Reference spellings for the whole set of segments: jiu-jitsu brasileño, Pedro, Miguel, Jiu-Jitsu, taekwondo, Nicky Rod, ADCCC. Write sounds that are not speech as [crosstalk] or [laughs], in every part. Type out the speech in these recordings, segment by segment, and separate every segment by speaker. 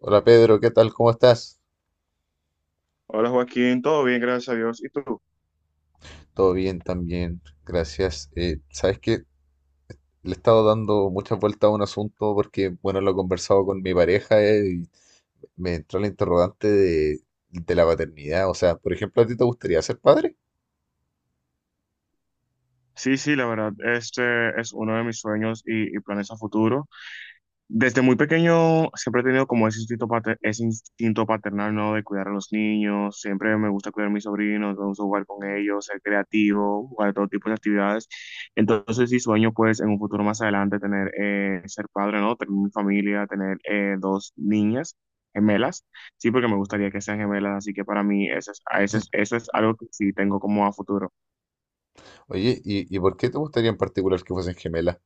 Speaker 1: Hola Pedro, ¿qué tal? ¿Cómo estás?
Speaker 2: Hola Joaquín, todo bien, gracias a Dios. ¿Y tú?
Speaker 1: Todo bien también, gracias. Sabes que le he estado dando muchas vueltas a un asunto porque, bueno, lo he conversado con mi pareja y me entró la interrogante de la paternidad. O sea, por ejemplo, ¿a ti te gustaría ser padre?
Speaker 2: Sí, sí, la verdad, este es uno de mis sueños y planes a futuro. Desde muy pequeño siempre he tenido como ese instinto, ese instinto paternal, ¿no? De cuidar a los niños, siempre me gusta cuidar a mis sobrinos, me gusta jugar con ellos, ser creativo, jugar todo tipo de actividades. Entonces sí sueño pues en un futuro más adelante tener, ser padre, ¿no? Tener mi familia, tener dos niñas gemelas, sí, porque me gustaría que sean gemelas, así que para mí eso es algo que sí tengo como a futuro.
Speaker 1: Oye, ¿¿y por qué te gustaría en particular que fuesen gemelas?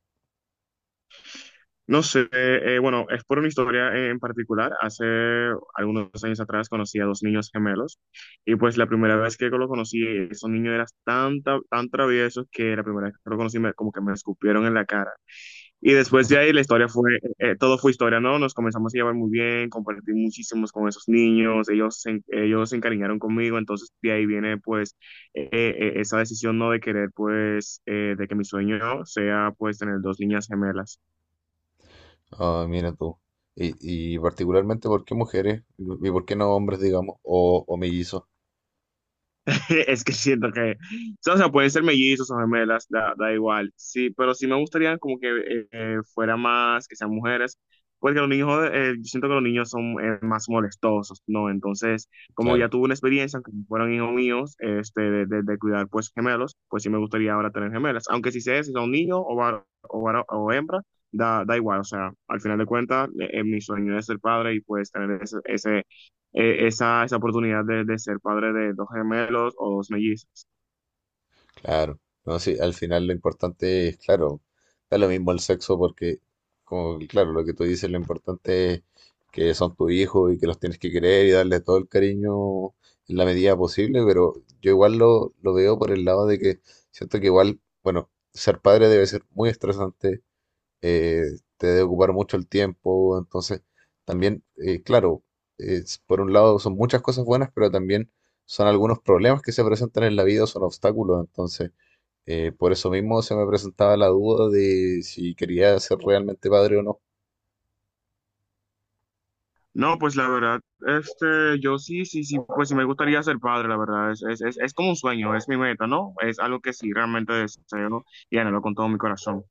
Speaker 2: No sé, bueno, es por una historia en particular. Hace algunos años atrás conocí a dos niños gemelos y pues la primera vez que lo conocí, esos niños eran tan, tan, tan traviesos que la primera vez que lo conocí como que me escupieron en la cara. Y después de ahí la historia fue, todo fue historia, ¿no? Nos comenzamos a llevar muy bien, compartí muchísimos con esos niños, ellos se encariñaron conmigo, entonces de ahí viene pues esa decisión, ¿no? De querer pues de que mi sueño sea pues tener dos niñas gemelas.
Speaker 1: Ah, mira tú. Y, y particularmente, ¿por qué mujeres? ¿Y por qué no hombres, digamos? O mellizos,
Speaker 2: [laughs] Es que siento que, o sea, pueden ser mellizos o gemelas, da, da igual. Sí, pero sí me gustaría como que fuera más, que sean mujeres, porque los niños, yo siento que los niños son más molestosos, ¿no? Entonces, como ya
Speaker 1: claro.
Speaker 2: tuve una experiencia, aunque fueron hijos míos, este, de cuidar pues gemelos, pues sí me gustaría ahora tener gemelas. Aunque si sea, si son niños o, o hembra, da, da igual. O sea, al final de cuentas, mi sueño es ser padre y pues tener ese esa oportunidad de ser padre de dos gemelos o dos mellizos.
Speaker 1: Claro, no, sí, al final lo importante es, claro, da lo mismo el sexo porque, como, que, claro, lo que tú dices, lo importante es que son tus hijos y que los tienes que querer y darle todo el cariño en la medida posible, pero yo igual lo veo por el lado de que siento que igual, bueno, ser padre debe ser muy estresante, eh, te debe ocupar mucho el tiempo, entonces también, claro, por un lado son muchas cosas buenas, pero también son algunos problemas que se presentan en la vida, son obstáculos, entonces por eso mismo se me presentaba la duda de si quería ser realmente padre o no.
Speaker 2: No, pues la verdad, este, yo sí, sí, sí, pues sí me gustaría ser padre, la verdad, es como un sueño, es mi meta, ¿no? Es algo que sí realmente deseo y anhelo con todo mi corazón.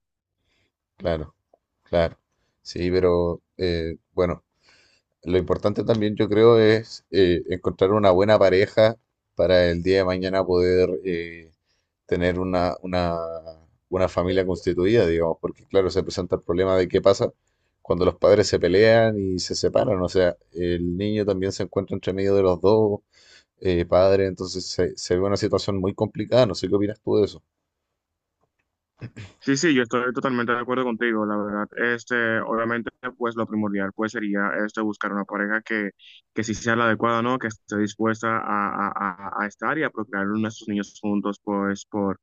Speaker 1: Claro, claro, sí, pero bueno. Lo importante también, yo creo, es encontrar una buena pareja para el día de mañana poder tener una familia constituida, digamos, porque claro, se presenta el problema de qué pasa cuando los padres se pelean y se separan, o sea, el niño también se encuentra entre medio de los dos padres, entonces se ve una situación muy complicada, no sé qué opinas tú de eso.
Speaker 2: Sí, sí, yo estoy totalmente de acuerdo contigo, la verdad. Este, obviamente, pues lo primordial pues sería este buscar una pareja que sí sea la adecuada, ¿no? Que esté dispuesta a a estar y a procrear nuestros niños juntos, pues, por,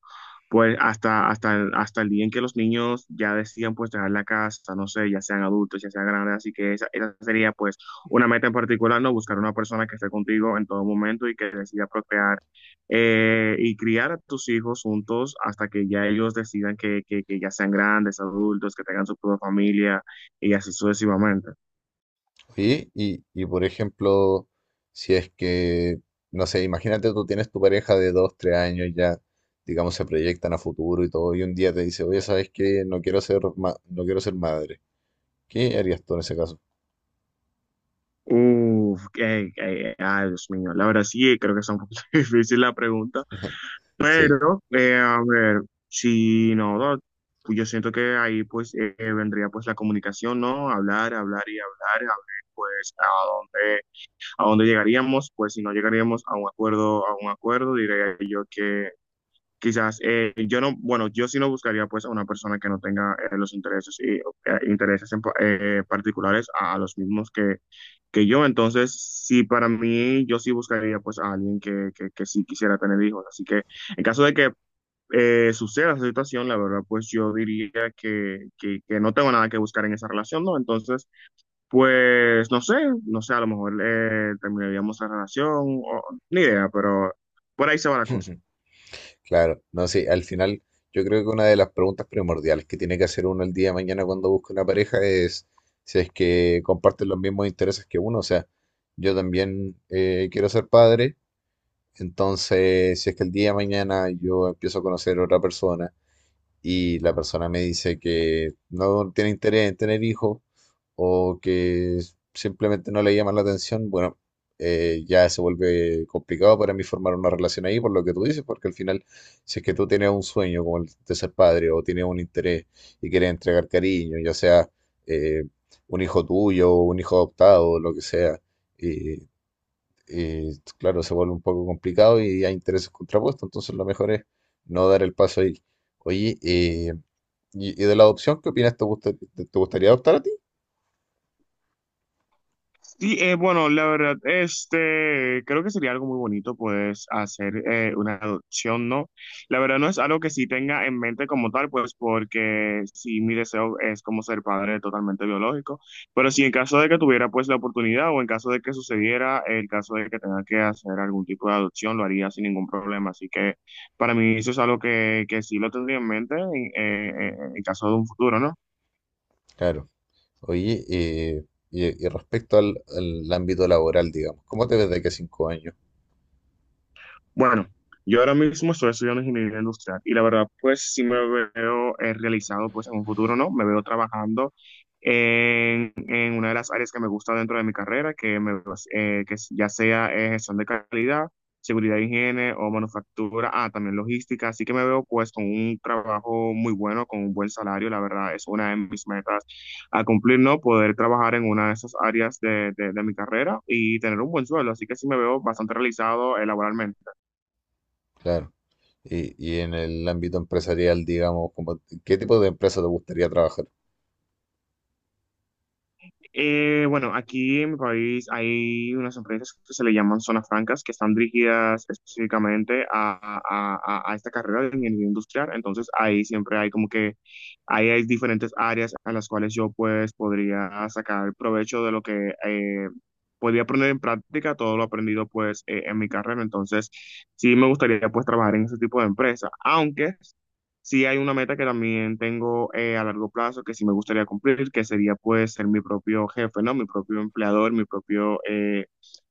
Speaker 2: pues hasta el día en que los niños ya decidan pues dejar la casa, no sé, ya sean adultos, ya sean grandes, así que esa sería pues una meta en particular, ¿no? Buscar una persona que esté contigo en todo momento y que decida procrear y criar a tus hijos juntos hasta que ya ellos decidan que ya sean grandes, adultos, que tengan su propia familia y así sucesivamente.
Speaker 1: Sí y por ejemplo, si es que, no sé, imagínate, tú tienes tu pareja de 2, 3 años ya, digamos, se proyectan a futuro y todo, y un día te dice, oye, ¿sabes qué? No quiero ser madre. ¿Qué harías tú en ese caso?
Speaker 2: Uf, que ay, Dios mío, la verdad sí, creo que es un poquito [laughs] difícil la pregunta.
Speaker 1: Sí,
Speaker 2: Pero, a ver, si no, no, pues yo siento que ahí pues vendría pues la comunicación, ¿no? Hablar, hablar y hablar, a ver pues a dónde llegaríamos, pues si no llegaríamos a un acuerdo, diría yo que quizás yo no, bueno, yo sí no buscaría pues a una persona que no tenga los intereses y particulares a los mismos que yo. Entonces, sí, para mí, yo sí buscaría pues a alguien que sí quisiera tener hijos. Así que en caso de que suceda esa situación, la verdad, pues yo diría que no tengo nada que buscar en esa relación, ¿no? Entonces, pues no sé, no sé, a lo mejor terminaríamos la relación, ni idea, pero por ahí se va la cosa.
Speaker 1: [laughs] claro, no sé, al final yo creo que una de las preguntas primordiales que tiene que hacer uno el día de mañana cuando busca una pareja es si es que comparten los mismos intereses que uno, o sea, yo también quiero ser padre. Entonces, si es que el día de mañana yo empiezo a conocer a otra persona y la persona me dice que no tiene interés en tener hijos o que simplemente no le llama la atención, bueno, ya se vuelve complicado para mí formar una relación ahí por lo que tú dices, porque al final, si es que tú tienes un sueño como el de ser padre o tienes un interés y quieres entregar cariño, ya sea eh, un hijo tuyo o un hijo adoptado, o lo que sea. eh, eh, claro, se vuelve un poco complicado y hay intereses contrapuestos, entonces lo mejor es no dar el paso ahí. Oye, y de la adopción, ¿qué opinas? ¿Te gustaría adoptar a ti?
Speaker 2: Sí, bueno, la verdad, este, creo que sería algo muy bonito, pues, hacer una adopción, ¿no? La verdad no es algo que sí tenga en mente como tal, pues, porque sí, mi deseo es como ser padre totalmente biológico, pero si en caso de que tuviera, pues, la oportunidad o en caso de que sucediera, el caso de que tenga que hacer algún tipo de adopción, lo haría sin ningún problema, así que para mí eso es algo que sí lo tendría en mente en caso de un futuro, ¿no?
Speaker 1: Claro. Oye, y respecto al, al ámbito laboral, digamos, ¿cómo te ves de aquí a 5 años?
Speaker 2: Bueno, yo ahora mismo estoy estudiando ingeniería industrial y la verdad, pues sí me veo realizado, pues en un futuro, ¿no? Me veo trabajando en una de las áreas que me gusta dentro de mi carrera, que ya sea gestión de calidad, seguridad e higiene o manufactura, ah, también logística. Así que me veo pues con un trabajo muy bueno, con un buen salario, la verdad, es una de mis metas a cumplir, ¿no? Poder trabajar en una de esas áreas de mi carrera y tener un buen sueldo. Así que sí me veo bastante realizado laboralmente.
Speaker 1: Claro. Y en el ámbito empresarial, digamos, como, ¿qué tipo de empresa te gustaría trabajar?
Speaker 2: Bueno, aquí en mi país hay unas empresas que se le llaman zonas francas, que están dirigidas específicamente a, a esta carrera de ingeniería industrial. Entonces ahí siempre hay como que, ahí hay diferentes áreas a las cuales yo pues podría sacar provecho de lo que podría poner en práctica todo lo aprendido pues en mi carrera. Entonces sí me gustaría pues trabajar en ese tipo de empresa, aunque sí hay una meta que también tengo a largo plazo que sí me gustaría cumplir, que sería pues ser mi propio jefe, ¿no? Mi propio empleador, mi propio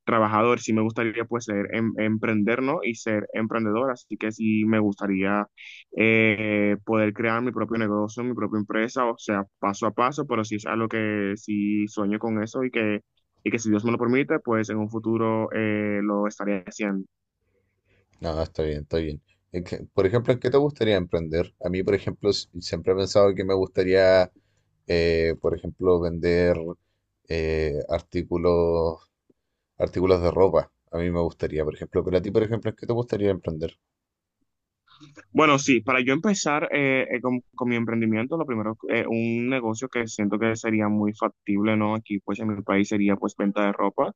Speaker 2: trabajador. Sí me gustaría pues emprender, ¿no? Y ser emprendedor. Así que sí me gustaría poder crear mi propio negocio, mi propia empresa, o sea, paso a paso, pero sí es algo que sí sueño con eso y que si Dios me lo permite, pues en un futuro lo estaré haciendo.
Speaker 1: No, no, está bien, está bien. Es que, por ejemplo, ¿en qué te gustaría emprender? A mí, por ejemplo, siempre he pensado que me gustaría, por ejemplo, vender eh, artículos, artículos, de ropa. A mí me gustaría, por ejemplo, pero a ti, por ejemplo, ¿en qué te gustaría emprender?
Speaker 2: Bueno, sí, para yo empezar con mi emprendimiento, lo primero, un negocio que siento que sería muy factible, ¿no? Aquí, pues, en mi país sería, pues, venta de ropa.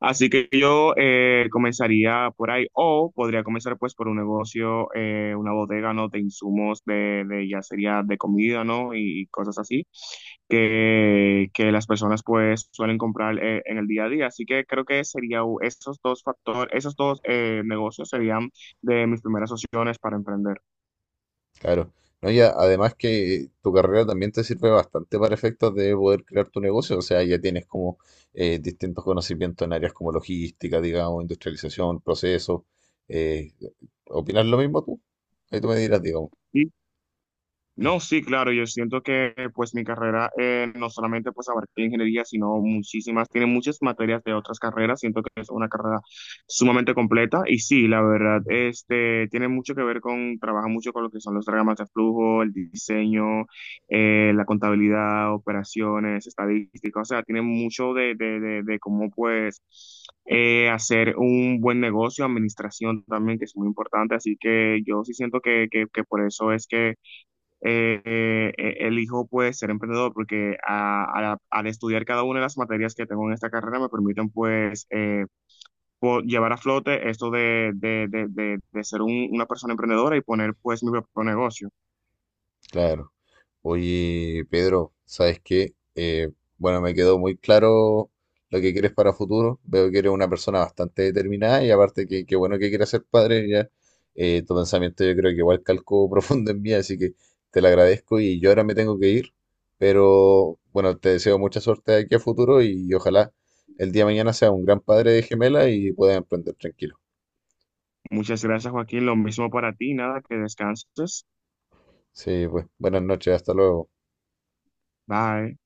Speaker 2: Así que yo comenzaría por ahí, o podría comenzar, pues, por un negocio, una bodega, ¿no? De insumos, de ya sería de comida, ¿no? Y, cosas así, que las personas, pues, suelen comprar en el día a día. Así que creo que sería esos dos factores, esos dos negocios serían de mis primeras opciones para emprender.
Speaker 1: Claro. No, ya, además que tu carrera también te sirve bastante para efectos de poder crear tu negocio. O sea, ya tienes como distintos conocimientos en áreas como logística, digamos, industrialización, procesos. Eh, ¿Opinas lo mismo tú? Ahí tú me dirás, digamos.
Speaker 2: Sí, no, sí, claro, yo siento que pues mi carrera no solamente pues abarca la ingeniería, sino muchísimas, tiene muchas materias de otras carreras, siento que es una carrera sumamente completa y sí, la verdad, este, tiene mucho que ver con, trabaja mucho con lo que son los diagramas de flujo, el diseño, la contabilidad, operaciones, estadística, o sea, tiene mucho de cómo pues hacer un buen negocio, administración también, que es muy importante, así que yo sí siento que por eso es que elijo pues ser emprendedor porque al estudiar cada una de las materias que tengo en esta carrera me permiten pues llevar a flote esto de ser una persona emprendedora y poner pues mi propio negocio.
Speaker 1: Claro. Oye, Pedro, ¿sabes qué? Bueno, me quedó muy claro lo que quieres para futuro. Veo que eres una persona bastante determinada y aparte que qué bueno que quieras ser padre ya. Tu pensamiento yo creo que igual calcó [laughs] profundo en mí, así que te lo agradezco y yo ahora me tengo que ir. Pero bueno, te deseo mucha suerte de aquí a futuro y ojalá el día de mañana seas un gran padre de gemela y puedas emprender tranquilo.
Speaker 2: Muchas gracias, Joaquín. Lo mismo para ti. Nada, que descanses.
Speaker 1: Sí, pues buenas noches, hasta luego.
Speaker 2: Bye.